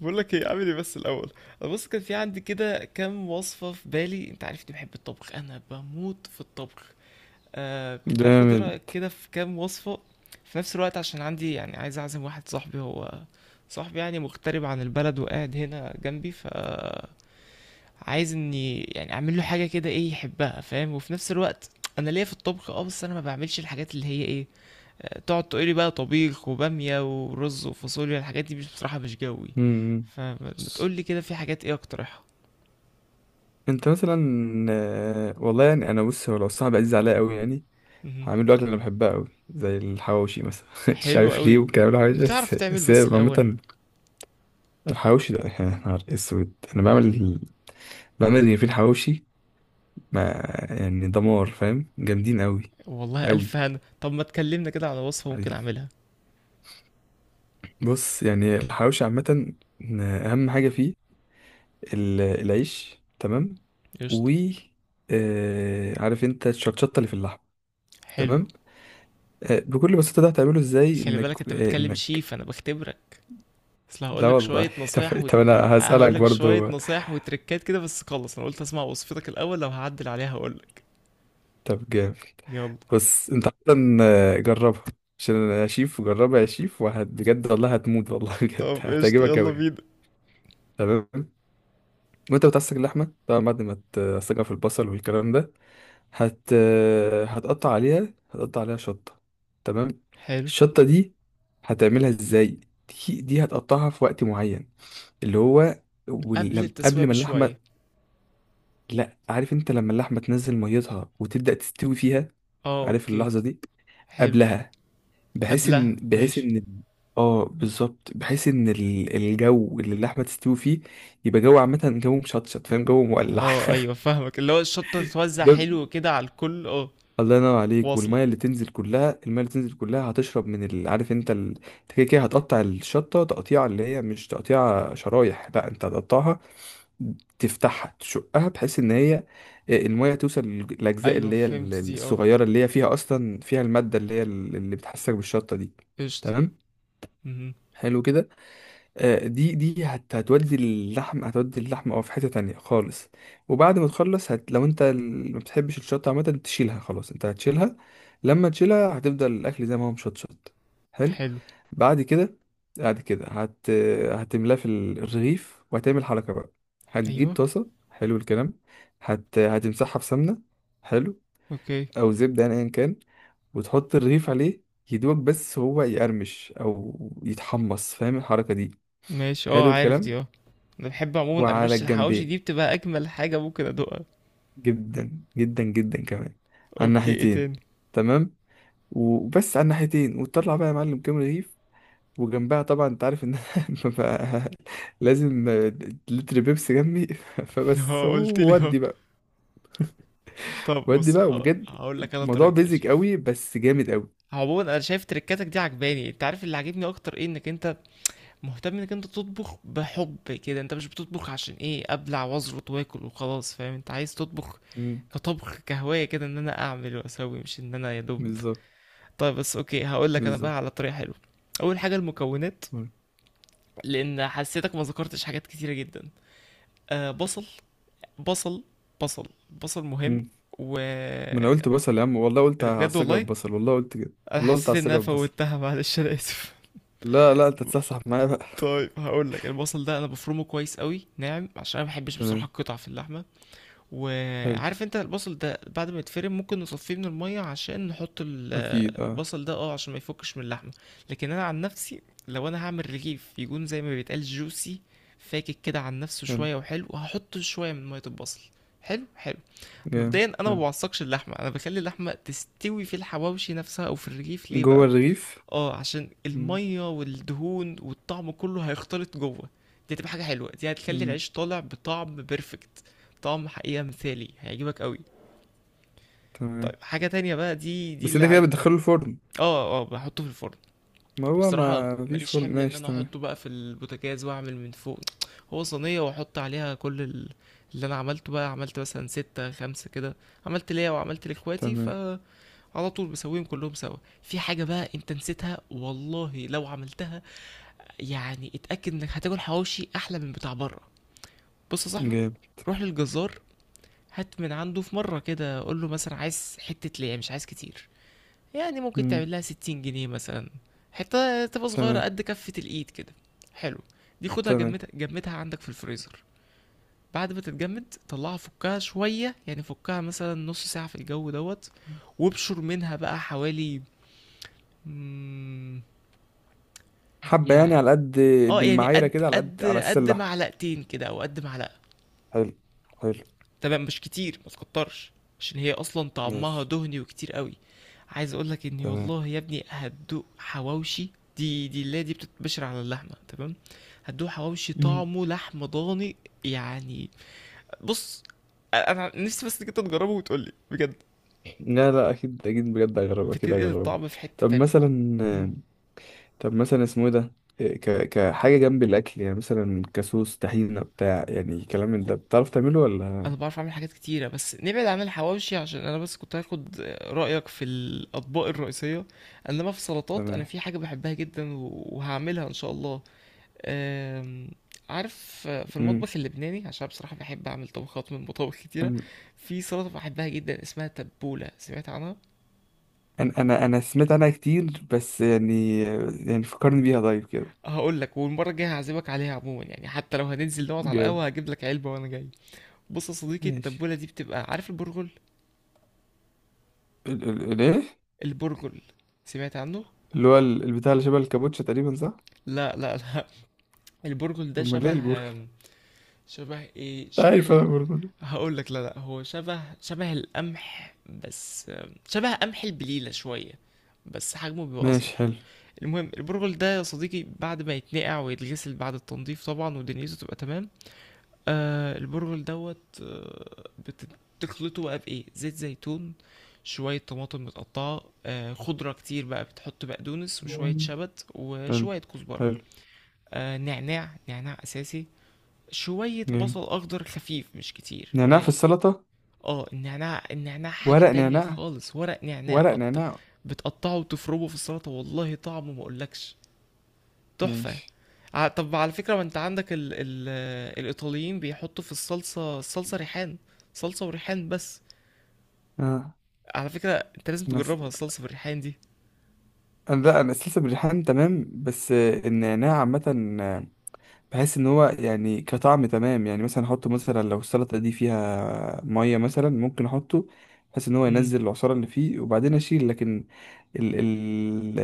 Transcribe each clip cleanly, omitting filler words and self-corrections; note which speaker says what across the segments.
Speaker 1: بقول لك ايه اعمل ايه بس الاول. بص، كان في عندي كده كام وصفه في بالي، انت عارفني بحب الطبخ، انا بموت في الطبخ. آه، كنت هاخد
Speaker 2: جامد.
Speaker 1: رايك كده في كام وصفه في نفس الوقت، عشان عندي يعني عايز اعزم واحد صاحبي، هو صاحبي يعني مغترب عن البلد وقاعد هنا جنبي، ف عايز اني يعني اعمل له حاجه كده ايه يحبها، فاهم، وفي نفس الوقت انا ليا في الطبخ اه، بس انا ما بعملش الحاجات اللي هي ايه تقعد تقولي بقى طبيخ وبامية ورز وفاصوليا، الحاجات دي مش بصراحة مش جوي.
Speaker 2: مم.
Speaker 1: فما تقولي كده في حاجات ايه اقترحها.
Speaker 2: انت مثلا. والله يعني انا بص هو لو صاحبي عزيز عليا قوي يعني
Speaker 1: مهم.
Speaker 2: هعمل له اكل انا بحبها قوي زي الحواوشي مثلا مش
Speaker 1: حلو
Speaker 2: عارف ليه
Speaker 1: قوي،
Speaker 2: وكلام الحواوشي بس
Speaker 1: بتعرف تعمل
Speaker 2: بس هي
Speaker 1: بس الاول.
Speaker 2: عامه. الحواوشي ده يا نهار اسود انا بعمل اللي في الحواوشي ما يعني دمار، فاهم؟ جامدين قوي.
Speaker 1: والله
Speaker 2: قوي
Speaker 1: الف هنا، طب ما تكلمنا كده على وصفة ممكن
Speaker 2: حبيبي.
Speaker 1: اعملها.
Speaker 2: بص يعني الحواوشي عامه اهم حاجه فيه العيش، تمام.
Speaker 1: قشطة.
Speaker 2: و عارف انت الشطشطه اللي في اللحم،
Speaker 1: حلو.
Speaker 2: تمام. بكل بساطه ده هتعمله ازاي
Speaker 1: خلي
Speaker 2: انك
Speaker 1: بالك انت
Speaker 2: آه،
Speaker 1: بتكلم
Speaker 2: انك
Speaker 1: شيف، انا بختبرك. اصل هقول
Speaker 2: لا
Speaker 1: لك
Speaker 2: والله
Speaker 1: شوية
Speaker 2: طب،
Speaker 1: نصايح
Speaker 2: طب انا هسالك
Speaker 1: هقول لك شوية
Speaker 2: برضو.
Speaker 1: نصايح وتركات كده، بس خلص انا قلت اسمع وصفتك الاول، لو هعدل عليها هقول لك.
Speaker 2: طب جامد.
Speaker 1: يلا.
Speaker 2: بص انت اصلا جربها، عشان انا شيف. وجربها يا شيف، وهت بجد والله هتموت والله بجد
Speaker 1: طب قشطة،
Speaker 2: هتعجبك
Speaker 1: يلا
Speaker 2: قوي.
Speaker 1: بينا.
Speaker 2: تمام. وانت بتعصج اللحمه طبعا، بعد ما تعصجها في البصل والكلام ده هت هتقطع عليها شطة. تمام.
Speaker 1: حلو.
Speaker 2: الشطة دي هتعملها ازاي؟ دي هتقطعها في وقت معين، اللي هو
Speaker 1: قبل التسوية
Speaker 2: قبل ما اللحمة.
Speaker 1: بشوية.
Speaker 2: لا، عارف انت لما اللحمة تنزل ميتها وتبدأ تستوي فيها؟
Speaker 1: آه،
Speaker 2: عارف
Speaker 1: أوكي.
Speaker 2: اللحظة دي؟
Speaker 1: حلو.
Speaker 2: قبلها، بحيث ان
Speaker 1: قبلها
Speaker 2: بحيث
Speaker 1: ماشي.
Speaker 2: ان اه بالظبط، بحيث ان الجو اللي اللحمة تستوي فيه يبقى جو عامة، جو مشطشط، فاهم؟ جو مولع.
Speaker 1: آه أيوه فاهمك، اللي هو الشطة تتوزع
Speaker 2: ده
Speaker 1: حلو كده على الكل، آه.
Speaker 2: الله ينور عليك.
Speaker 1: واصلة.
Speaker 2: والميه اللي تنزل كلها، الميه اللي تنزل كلها هتشرب من عارف انت انت كده كده هتقطع الشطه تقطيعه، اللي هي مش تقطيعه شرايح، لا، انت هتقطعها تفتحها تشقها بحيث ان هي الميه توصل للاجزاء
Speaker 1: أيوه
Speaker 2: اللي هي
Speaker 1: فهمت دي، آه.
Speaker 2: الصغيره، اللي هي فيها اصلا فيها الماده اللي هي اللي بتحسك بالشطه دي.
Speaker 1: قشطة.
Speaker 2: تمام.
Speaker 1: مهم.
Speaker 2: حلو كده. دي هتودي اللحم اه في حتة تانية خالص. وبعد ما تخلص لو انت ما بتحبش الشطة عامة تشيلها، خلاص، انت هتشيلها. لما تشيلها هتفضل الأكل زي ما هو مشطشط. حلو.
Speaker 1: حلو.
Speaker 2: بعد كده، بعد كده هت هتملاه في الرغيف، وهتعمل حركة بقى. هتجيب
Speaker 1: أيوه.
Speaker 2: طاسة، حلو الكلام، هتمسحها بسمنة. حلو.
Speaker 1: أوكي.
Speaker 2: أو زبدة يعني، أيا كان. وتحط الرغيف عليه يدوق، بس هو يقرمش أو يتحمص، فاهم الحركة دي؟
Speaker 1: ماشي، آه،
Speaker 2: حلو
Speaker 1: عارف دي،
Speaker 2: الكلام.
Speaker 1: آه. أنا بحب عموما
Speaker 2: وعلى
Speaker 1: قرمشة الحواوشي
Speaker 2: الجنبين.
Speaker 1: دي بتبقى أجمل حاجة ممكن أدوقها.
Speaker 2: جدا جدا جدا كمان. على
Speaker 1: أوكي، إيه
Speaker 2: الناحيتين.
Speaker 1: تاني؟
Speaker 2: تمام. وبس على الناحيتين، وتطلع بقى يا معلم كام رغيف. وجنبها طبعا، انت عارف ان أنا ببقى لازم لتر بيبسي جنبي فبس،
Speaker 1: آه، قلت لي آه.
Speaker 2: ودي بقى.
Speaker 1: طب
Speaker 2: ودي
Speaker 1: بص،
Speaker 2: بقى، وبجد
Speaker 1: هقول لك أنا
Speaker 2: موضوع
Speaker 1: طريقتي يا
Speaker 2: بيزك
Speaker 1: شيف.
Speaker 2: قوي، بس جامد قوي.
Speaker 1: عموما انا شايف تريكاتك دي عجباني، انت عارف اللي عاجبني اكتر ايه؟ انك انت مهتم انك انت تطبخ بحب كده، انت مش بتطبخ عشان ايه ابلع واظبط واكل وخلاص، فاهم؟ انت عايز تطبخ
Speaker 2: مم.
Speaker 1: كطبخ كهواية كده، ان انا اعمل واسوي، مش ان انا يا دوب.
Speaker 2: بالظبط.
Speaker 1: طيب بس اوكي، هقول لك انا
Speaker 2: بالظبط.
Speaker 1: بقى على طريقة حلوة. اول حاجة المكونات،
Speaker 2: مم.
Speaker 1: لان حسيتك ما ذكرتش حاجات كتيرة جدا. آه، بصل. بصل. بصل. بصل مهم.
Speaker 2: مم.
Speaker 1: و
Speaker 2: ما انا
Speaker 1: إيه.
Speaker 2: قلت بصل يا عم، والله قلت
Speaker 1: ده بجد
Speaker 2: هعصجها
Speaker 1: والله،
Speaker 2: ببصل، والله قلت كده.
Speaker 1: انا
Speaker 2: والله قلت
Speaker 1: حسيت ان انا
Speaker 2: هعصجها ببصل.
Speaker 1: فوتها، معلش انا اسف.
Speaker 2: لا لا، انت تصحصح معايا بقى.
Speaker 1: طيب هقول لك، البصل ده انا بفرمه كويس قوي ناعم، عشان انا ما بحبش بصراحة
Speaker 2: تمام.
Speaker 1: القطع في اللحمة.
Speaker 2: حلو.
Speaker 1: وعارف انت البصل ده بعد ما يتفرم ممكن نصفيه من المية عشان نحط
Speaker 2: اكيد اه.
Speaker 1: البصل ده اه، عشان ما يفكش من اللحمة. لكن انا عن نفسي لو انا هعمل رغيف يكون زي ما بيتقال جوسي، فاكك كده عن نفسه
Speaker 2: حلو.
Speaker 1: شوية وحلو، وهحط شوية من مية البصل. حلو حلو.
Speaker 2: جامد،
Speaker 1: مبدئيا انا ما
Speaker 2: حلو.
Speaker 1: بعصقش اللحمة، انا بخلي اللحمة تستوي في الحواوشي نفسها او في الرغيف. ليه
Speaker 2: جوه
Speaker 1: بقى؟
Speaker 2: الرغيف.
Speaker 1: اه عشان
Speaker 2: مم.
Speaker 1: الميه والدهون والطعم كله هيختلط جوه. دي هتبقى حاجه حلوه، دي هتخلي
Speaker 2: مم.
Speaker 1: العيش طالع بطعم بيرفكت. طعم حقيقه مثالي هيعجبك قوي. طيب
Speaker 2: تمام.
Speaker 1: حاجه تانية بقى، دي
Speaker 2: بس
Speaker 1: اللي
Speaker 2: انت كده
Speaker 1: عايز.
Speaker 2: بتدخله الفرن؟
Speaker 1: اه اه، بحطه في الفرن.
Speaker 2: ما هو
Speaker 1: بصراحه
Speaker 2: ما مفيش
Speaker 1: ماليش
Speaker 2: فرن،
Speaker 1: حمل ان
Speaker 2: ماشي،
Speaker 1: انا
Speaker 2: تمام.
Speaker 1: احطه بقى في البوتاجاز واعمل من فوق. هو صينيه واحط عليها كل اللي انا عملته بقى، عملت مثلا ستة خمسة كده، عملت ليا وعملت لاخواتي،
Speaker 2: تمام.
Speaker 1: فعلى طول بسويهم كلهم سوا. في حاجه بقى انت نسيتها، والله لو عملتها يعني اتأكد انك هتاكل حواوشي احلى من بتاع بره. بص يا صاحبي،
Speaker 2: جامد.
Speaker 1: روح للجزار، هات من عنده في مرة كده، قول له مثلا عايز حتة ليه مش عايز كتير، يعني ممكن
Speaker 2: مم.
Speaker 1: تعمل لها 60 جنيه مثلا، حتة تبقى صغيرة
Speaker 2: تمام.
Speaker 1: قد كفة الايد كده. حلو. دي خدها
Speaker 2: تمام.
Speaker 1: جمدها جمدها عندك في الفريزر. بعد ما تتجمد طلعها، فكها شوية، يعني فكها مثلا نص ساعة في الجو دوت. وابشر منها بقى حوالي، مم،
Speaker 2: حبة يعني،
Speaker 1: يعني،
Speaker 2: على قد.
Speaker 1: اه يعني
Speaker 2: بالمعايرة
Speaker 1: قد
Speaker 2: كده، على قد، على
Speaker 1: قد قد
Speaker 2: السلة.
Speaker 1: معلقتين كده او قد معلقة.
Speaker 2: حلو. حلو.
Speaker 1: تمام مش كتير، ما تكترش عشان هي اصلا طعمها
Speaker 2: ماشي.
Speaker 1: دهني وكتير قوي. عايز اقولك اني
Speaker 2: تمام.
Speaker 1: والله يا ابني هتدوق حواوشي. دي اللي هي دي بتتبشر على اللحمه، تمام. هتدوق حواوشي
Speaker 2: مم.
Speaker 1: طعمه لحم ضاني. يعني بص، انا نفسي بس انك انت تجربه وتقولي بجد.
Speaker 2: لا لا، اكيد اكيد، بجد اجرب، اكيد
Speaker 1: بتنقل
Speaker 2: اجرب.
Speaker 1: الطعم في حته
Speaker 2: طب
Speaker 1: تانية. مم.
Speaker 2: مثلا. طب مثلا اسمه ايه ده؟ كحاجة جنب الأكل يعني، مثلا كسوس طحينة بتاع، يعني كلام من ده، بتعرف تعمله ولا؟
Speaker 1: انا بعرف اعمل حاجات كتيره، بس نبعد عن الحواوشي عشان انا بس كنت هاخد رايك في الاطباق الرئيسيه. انما في السلطات، انا
Speaker 2: تمام.
Speaker 1: في حاجه بحبها جدا وهعملها ان شاء الله. أم، عارف في المطبخ اللبناني، عشان بصراحة بحب أعمل طبخات من مطابخ كتيرة،
Speaker 2: مم.
Speaker 1: في سلطة بحبها جدا اسمها تبولة، سمعت عنها؟
Speaker 2: انا سمعت عنها كتير، بس يعني، يعني فكرني بيها طيب كده.
Speaker 1: هقول لك، والمرة الجاية هعزمك عليها، عموما يعني حتى لو هننزل نقعد على
Speaker 2: جامد.
Speaker 1: القهوة هجيب لك علبة وأنا جاي. بص يا صديقي،
Speaker 2: ماشي.
Speaker 1: التبولة دي بتبقى، عارف البرغل؟
Speaker 2: ال ال الايه
Speaker 1: البرغل، سمعت عنه؟
Speaker 2: اللي هو البتاع اللي شبه الكابوتشا تقريبا، صح؟
Speaker 1: لا لا لا، البرغل ده
Speaker 2: امال
Speaker 1: شبه
Speaker 2: ايه البرجر؟
Speaker 1: آم، شبه ايه؟
Speaker 2: مش
Speaker 1: شبه
Speaker 2: عارف
Speaker 1: ال...
Speaker 2: انا برضه ده.
Speaker 1: هقول لك، لا لا، هو شبه شبه القمح، بس شبه قمح البليلة شوية، بس حجمه بيبقى أصغر.
Speaker 2: ماشي، حلو.
Speaker 1: المهم البرغل ده يا صديقي، بعد ما يتنقع ويتغسل بعد التنظيف طبعا ودنيته تبقى تمام، آه البرغل دوت آه بتخلطه بقى بايه، زيت زيتون، شوية طماطم متقطعة، آه خضرة كتير بقى، بتحط بقدونس وشوية شبت
Speaker 2: حلو.
Speaker 1: وشوية كزبرة،
Speaker 2: حلو.
Speaker 1: آه نعناع، نعناع أساسي، شوية
Speaker 2: جامد.
Speaker 1: بصل أخضر خفيف مش كتير،
Speaker 2: نعناع في
Speaker 1: قليل.
Speaker 2: السلطة؟
Speaker 1: اه النعناع، النعناع حاجة
Speaker 2: ورق
Speaker 1: تانية
Speaker 2: نعناع.
Speaker 1: خالص، ورق نعناع
Speaker 2: ورق نعناع.
Speaker 1: بتقطعه وتفرمه في السلطة، والله طعمه ما أقولكش، تحفة.
Speaker 2: ماشي.
Speaker 1: طب على فكرة، ما انت عندك ال الإيطاليين بيحطوا في الصلصة، الصلصة ريحان، صلصة وريحان بس،
Speaker 2: اه
Speaker 1: على فكرة. انت لازم
Speaker 2: انا س...
Speaker 1: تجربها الصلصة بالريحان دي.
Speaker 2: لا انا سلسة بالريحان، تمام. بس النعناع عامة، بحس ان هو يعني كطعم تمام. يعني مثلا احطه، مثلا لو السلطه دي فيها ميه مثلا ممكن احطه، بحيث ان هو
Speaker 1: امم
Speaker 2: ينزل العصاره اللي فيه وبعدين اشيل. لكن ال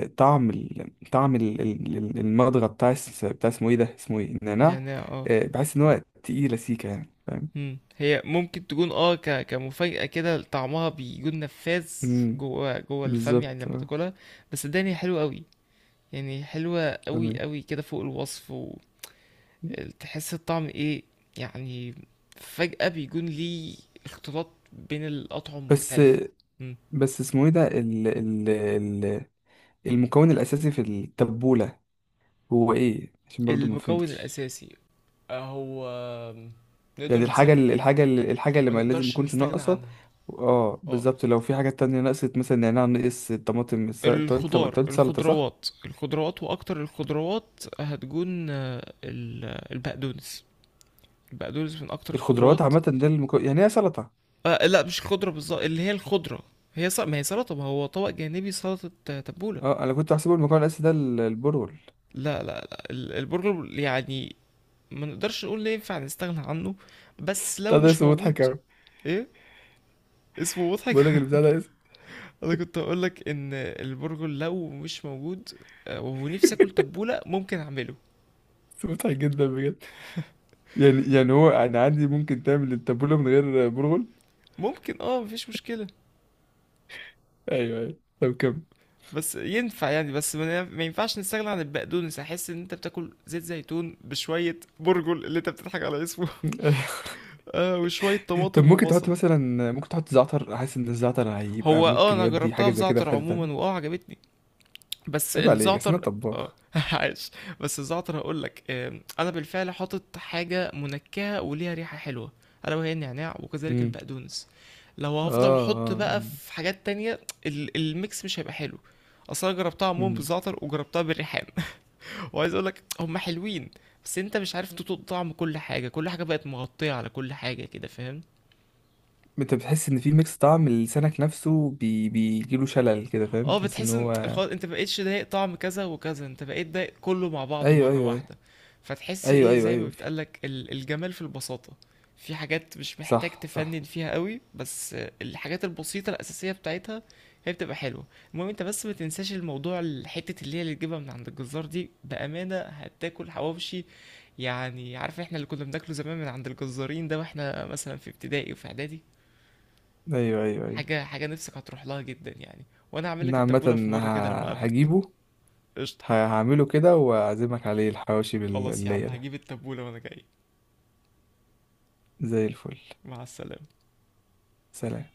Speaker 2: ال طعم ال طعم ال ال ال- المضغه بتاع بتاع اسمه ايه النعناع.
Speaker 1: نعناع اه.
Speaker 2: بحس ان هو تقيله سيكه يعني، فاهم.
Speaker 1: هي ممكن تكون اه ك كمفاجأة كده، طعمها بيكون نفاذ
Speaker 2: امم.
Speaker 1: جوه الفم يعني
Speaker 2: بالظبط،
Speaker 1: لما
Speaker 2: اه.
Speaker 1: تاكلها. بس صدقني هي حلوة قوي، يعني حلوة قوي
Speaker 2: تمام.
Speaker 1: قوي كده فوق الوصف. وتحس الطعم ايه، يعني فجأة بيكون ليه اختلاط بين الأطعم
Speaker 2: بس
Speaker 1: مختلفة.
Speaker 2: بس اسمه ايه ده ال ال ال المكون الاساسي في التبوله، هو ايه؟ عشان برضو ما
Speaker 1: المكون
Speaker 2: فهمتش.
Speaker 1: الأساسي، هو، نقدر
Speaker 2: يعني الحاجة
Speaker 1: نسمي،
Speaker 2: اللي، الحاجة اللي
Speaker 1: ما
Speaker 2: ما لازم
Speaker 1: نقدرش
Speaker 2: يكونش
Speaker 1: نستغنى
Speaker 2: ناقصة.
Speaker 1: عنها.
Speaker 2: اه
Speaker 1: اه
Speaker 2: بالظبط. لو في حاجات تانية نقصت، مثلا نعناع نقص، الطماطم، انت قلت طب انت
Speaker 1: الخضار،
Speaker 2: قلت سلطة صح؟
Speaker 1: الخضروات، الخضروات، وأكتر الخضروات هتكون البقدونس، البقدونس من أكتر
Speaker 2: الخضروات
Speaker 1: الخضروات.
Speaker 2: عامة ده المكون، يعني ايه سلطة؟
Speaker 1: آه لا، مش الخضرة بالظبط، اللي هي الخضرة هي ما هي سلطة، ما هو طبق جانبي سلطة، تبولة.
Speaker 2: اه، انا كنت بحسبه المكون الاساسي ده البرغل.
Speaker 1: لا لا لا، البرجر يعني، ما نقدرش نقول إن ينفع نستغنى عنه، بس
Speaker 2: بتاع
Speaker 1: لو
Speaker 2: ده
Speaker 1: مش
Speaker 2: اسمه مضحك
Speaker 1: موجود.
Speaker 2: اوي.
Speaker 1: ايه اسمه
Speaker 2: بقول لك
Speaker 1: مضحك؟
Speaker 2: البتاع ده اسمه.
Speaker 1: انا كنت هقول لك ان البرجر لو مش موجود، ونفسي اكل تبولة، ممكن اعمله.
Speaker 2: اسمه مضحك جدا بجد. يعني هو انا عندي ممكن تعمل التابولة من غير برغل؟
Speaker 1: ممكن، اه، مفيش مشكلة،
Speaker 2: ايوه ايوه، طب كم؟
Speaker 1: بس ينفع يعني، بس ما ينفعش نستغنى عن البقدونس، احس ان انت بتاكل زيت زيتون بشوية برجل اللي انت بتضحك على اسمه. آه، وشوية
Speaker 2: طب
Speaker 1: طماطم
Speaker 2: ممكن
Speaker 1: وبصل.
Speaker 2: تحط مثلا، ممكن تحط زعتر؟ احس ان الزعتر هيبقى
Speaker 1: هو اه،
Speaker 2: ممكن
Speaker 1: انا
Speaker 2: يودي
Speaker 1: جربتها
Speaker 2: حاجة زي كده
Speaker 1: بزعتر
Speaker 2: في حتة
Speaker 1: عموما
Speaker 2: تانية.
Speaker 1: واه عجبتني، بس
Speaker 2: عيب عليك، اصل انا
Speaker 1: الزعتر، اه
Speaker 2: طباخ.
Speaker 1: عاش. بس الزعتر هقول لك، انا بالفعل حاطط حاجه منكهه وليها ريحه حلوه، الا وهي النعناع وكذلك
Speaker 2: امم.
Speaker 1: البقدونس. لو
Speaker 2: اه
Speaker 1: هفضل احط
Speaker 2: اه.
Speaker 1: بقى في حاجات تانية الميكس مش هيبقى حلو. اصلا أنا جربتها عموما
Speaker 2: امم.
Speaker 1: بالزعتر وجربتها بالريحان، وعايز اقول لك هما حلوين، بس انت مش عارف تطوق طعم كل حاجه، كل حاجه بقت مغطيه على كل حاجه كده، فاهم؟
Speaker 2: انت بتحس ان في ميكس، طعم لسانك نفسه بيجيله شلل كده، فاهم؟
Speaker 1: اه،
Speaker 2: تحس ان
Speaker 1: بتحس ان
Speaker 2: هو.
Speaker 1: خلاص انت مبقتش ضايق طعم كذا وكذا، انت بقيت ضايق كله مع بعضه
Speaker 2: ايوه
Speaker 1: مرة
Speaker 2: ايوه
Speaker 1: واحدة. فتحس
Speaker 2: ايوه
Speaker 1: ايه،
Speaker 2: ايوه ايوه
Speaker 1: زي ما
Speaker 2: ايوه، في.
Speaker 1: بتقالك الجمال في البساطة، في حاجات مش محتاج
Speaker 2: صح
Speaker 1: تفنن
Speaker 2: صح.
Speaker 1: فيها قوي، بس الحاجات البسيطة الأساسية بتاعتها هي بتبقى حلوة. المهم انت بس ما تنساش الموضوع، الحتة اللي هي اللي تجيبها من عند الجزار دي بأمانة هتاكل حواوشي، يعني عارف احنا اللي كنا بناكله زمان من عند الجزارين ده، واحنا مثلا في ابتدائي وفي اعدادي،
Speaker 2: ايوه ايوه ايوه.
Speaker 1: حاجة نفسك هتروح لها جدا يعني. وانا هعمل لك
Speaker 2: انا عامه
Speaker 1: التبولة في مرة كده لما اقابلك.
Speaker 2: هجيبه.
Speaker 1: قشطة.
Speaker 2: هعمله كده واعزمك عليه الحواوشي
Speaker 1: خلاص يا عم،
Speaker 2: باللية ده.
Speaker 1: هجيب التبولة وانا جاي.
Speaker 2: زي الفل.
Speaker 1: مع السلامة.
Speaker 2: سلام.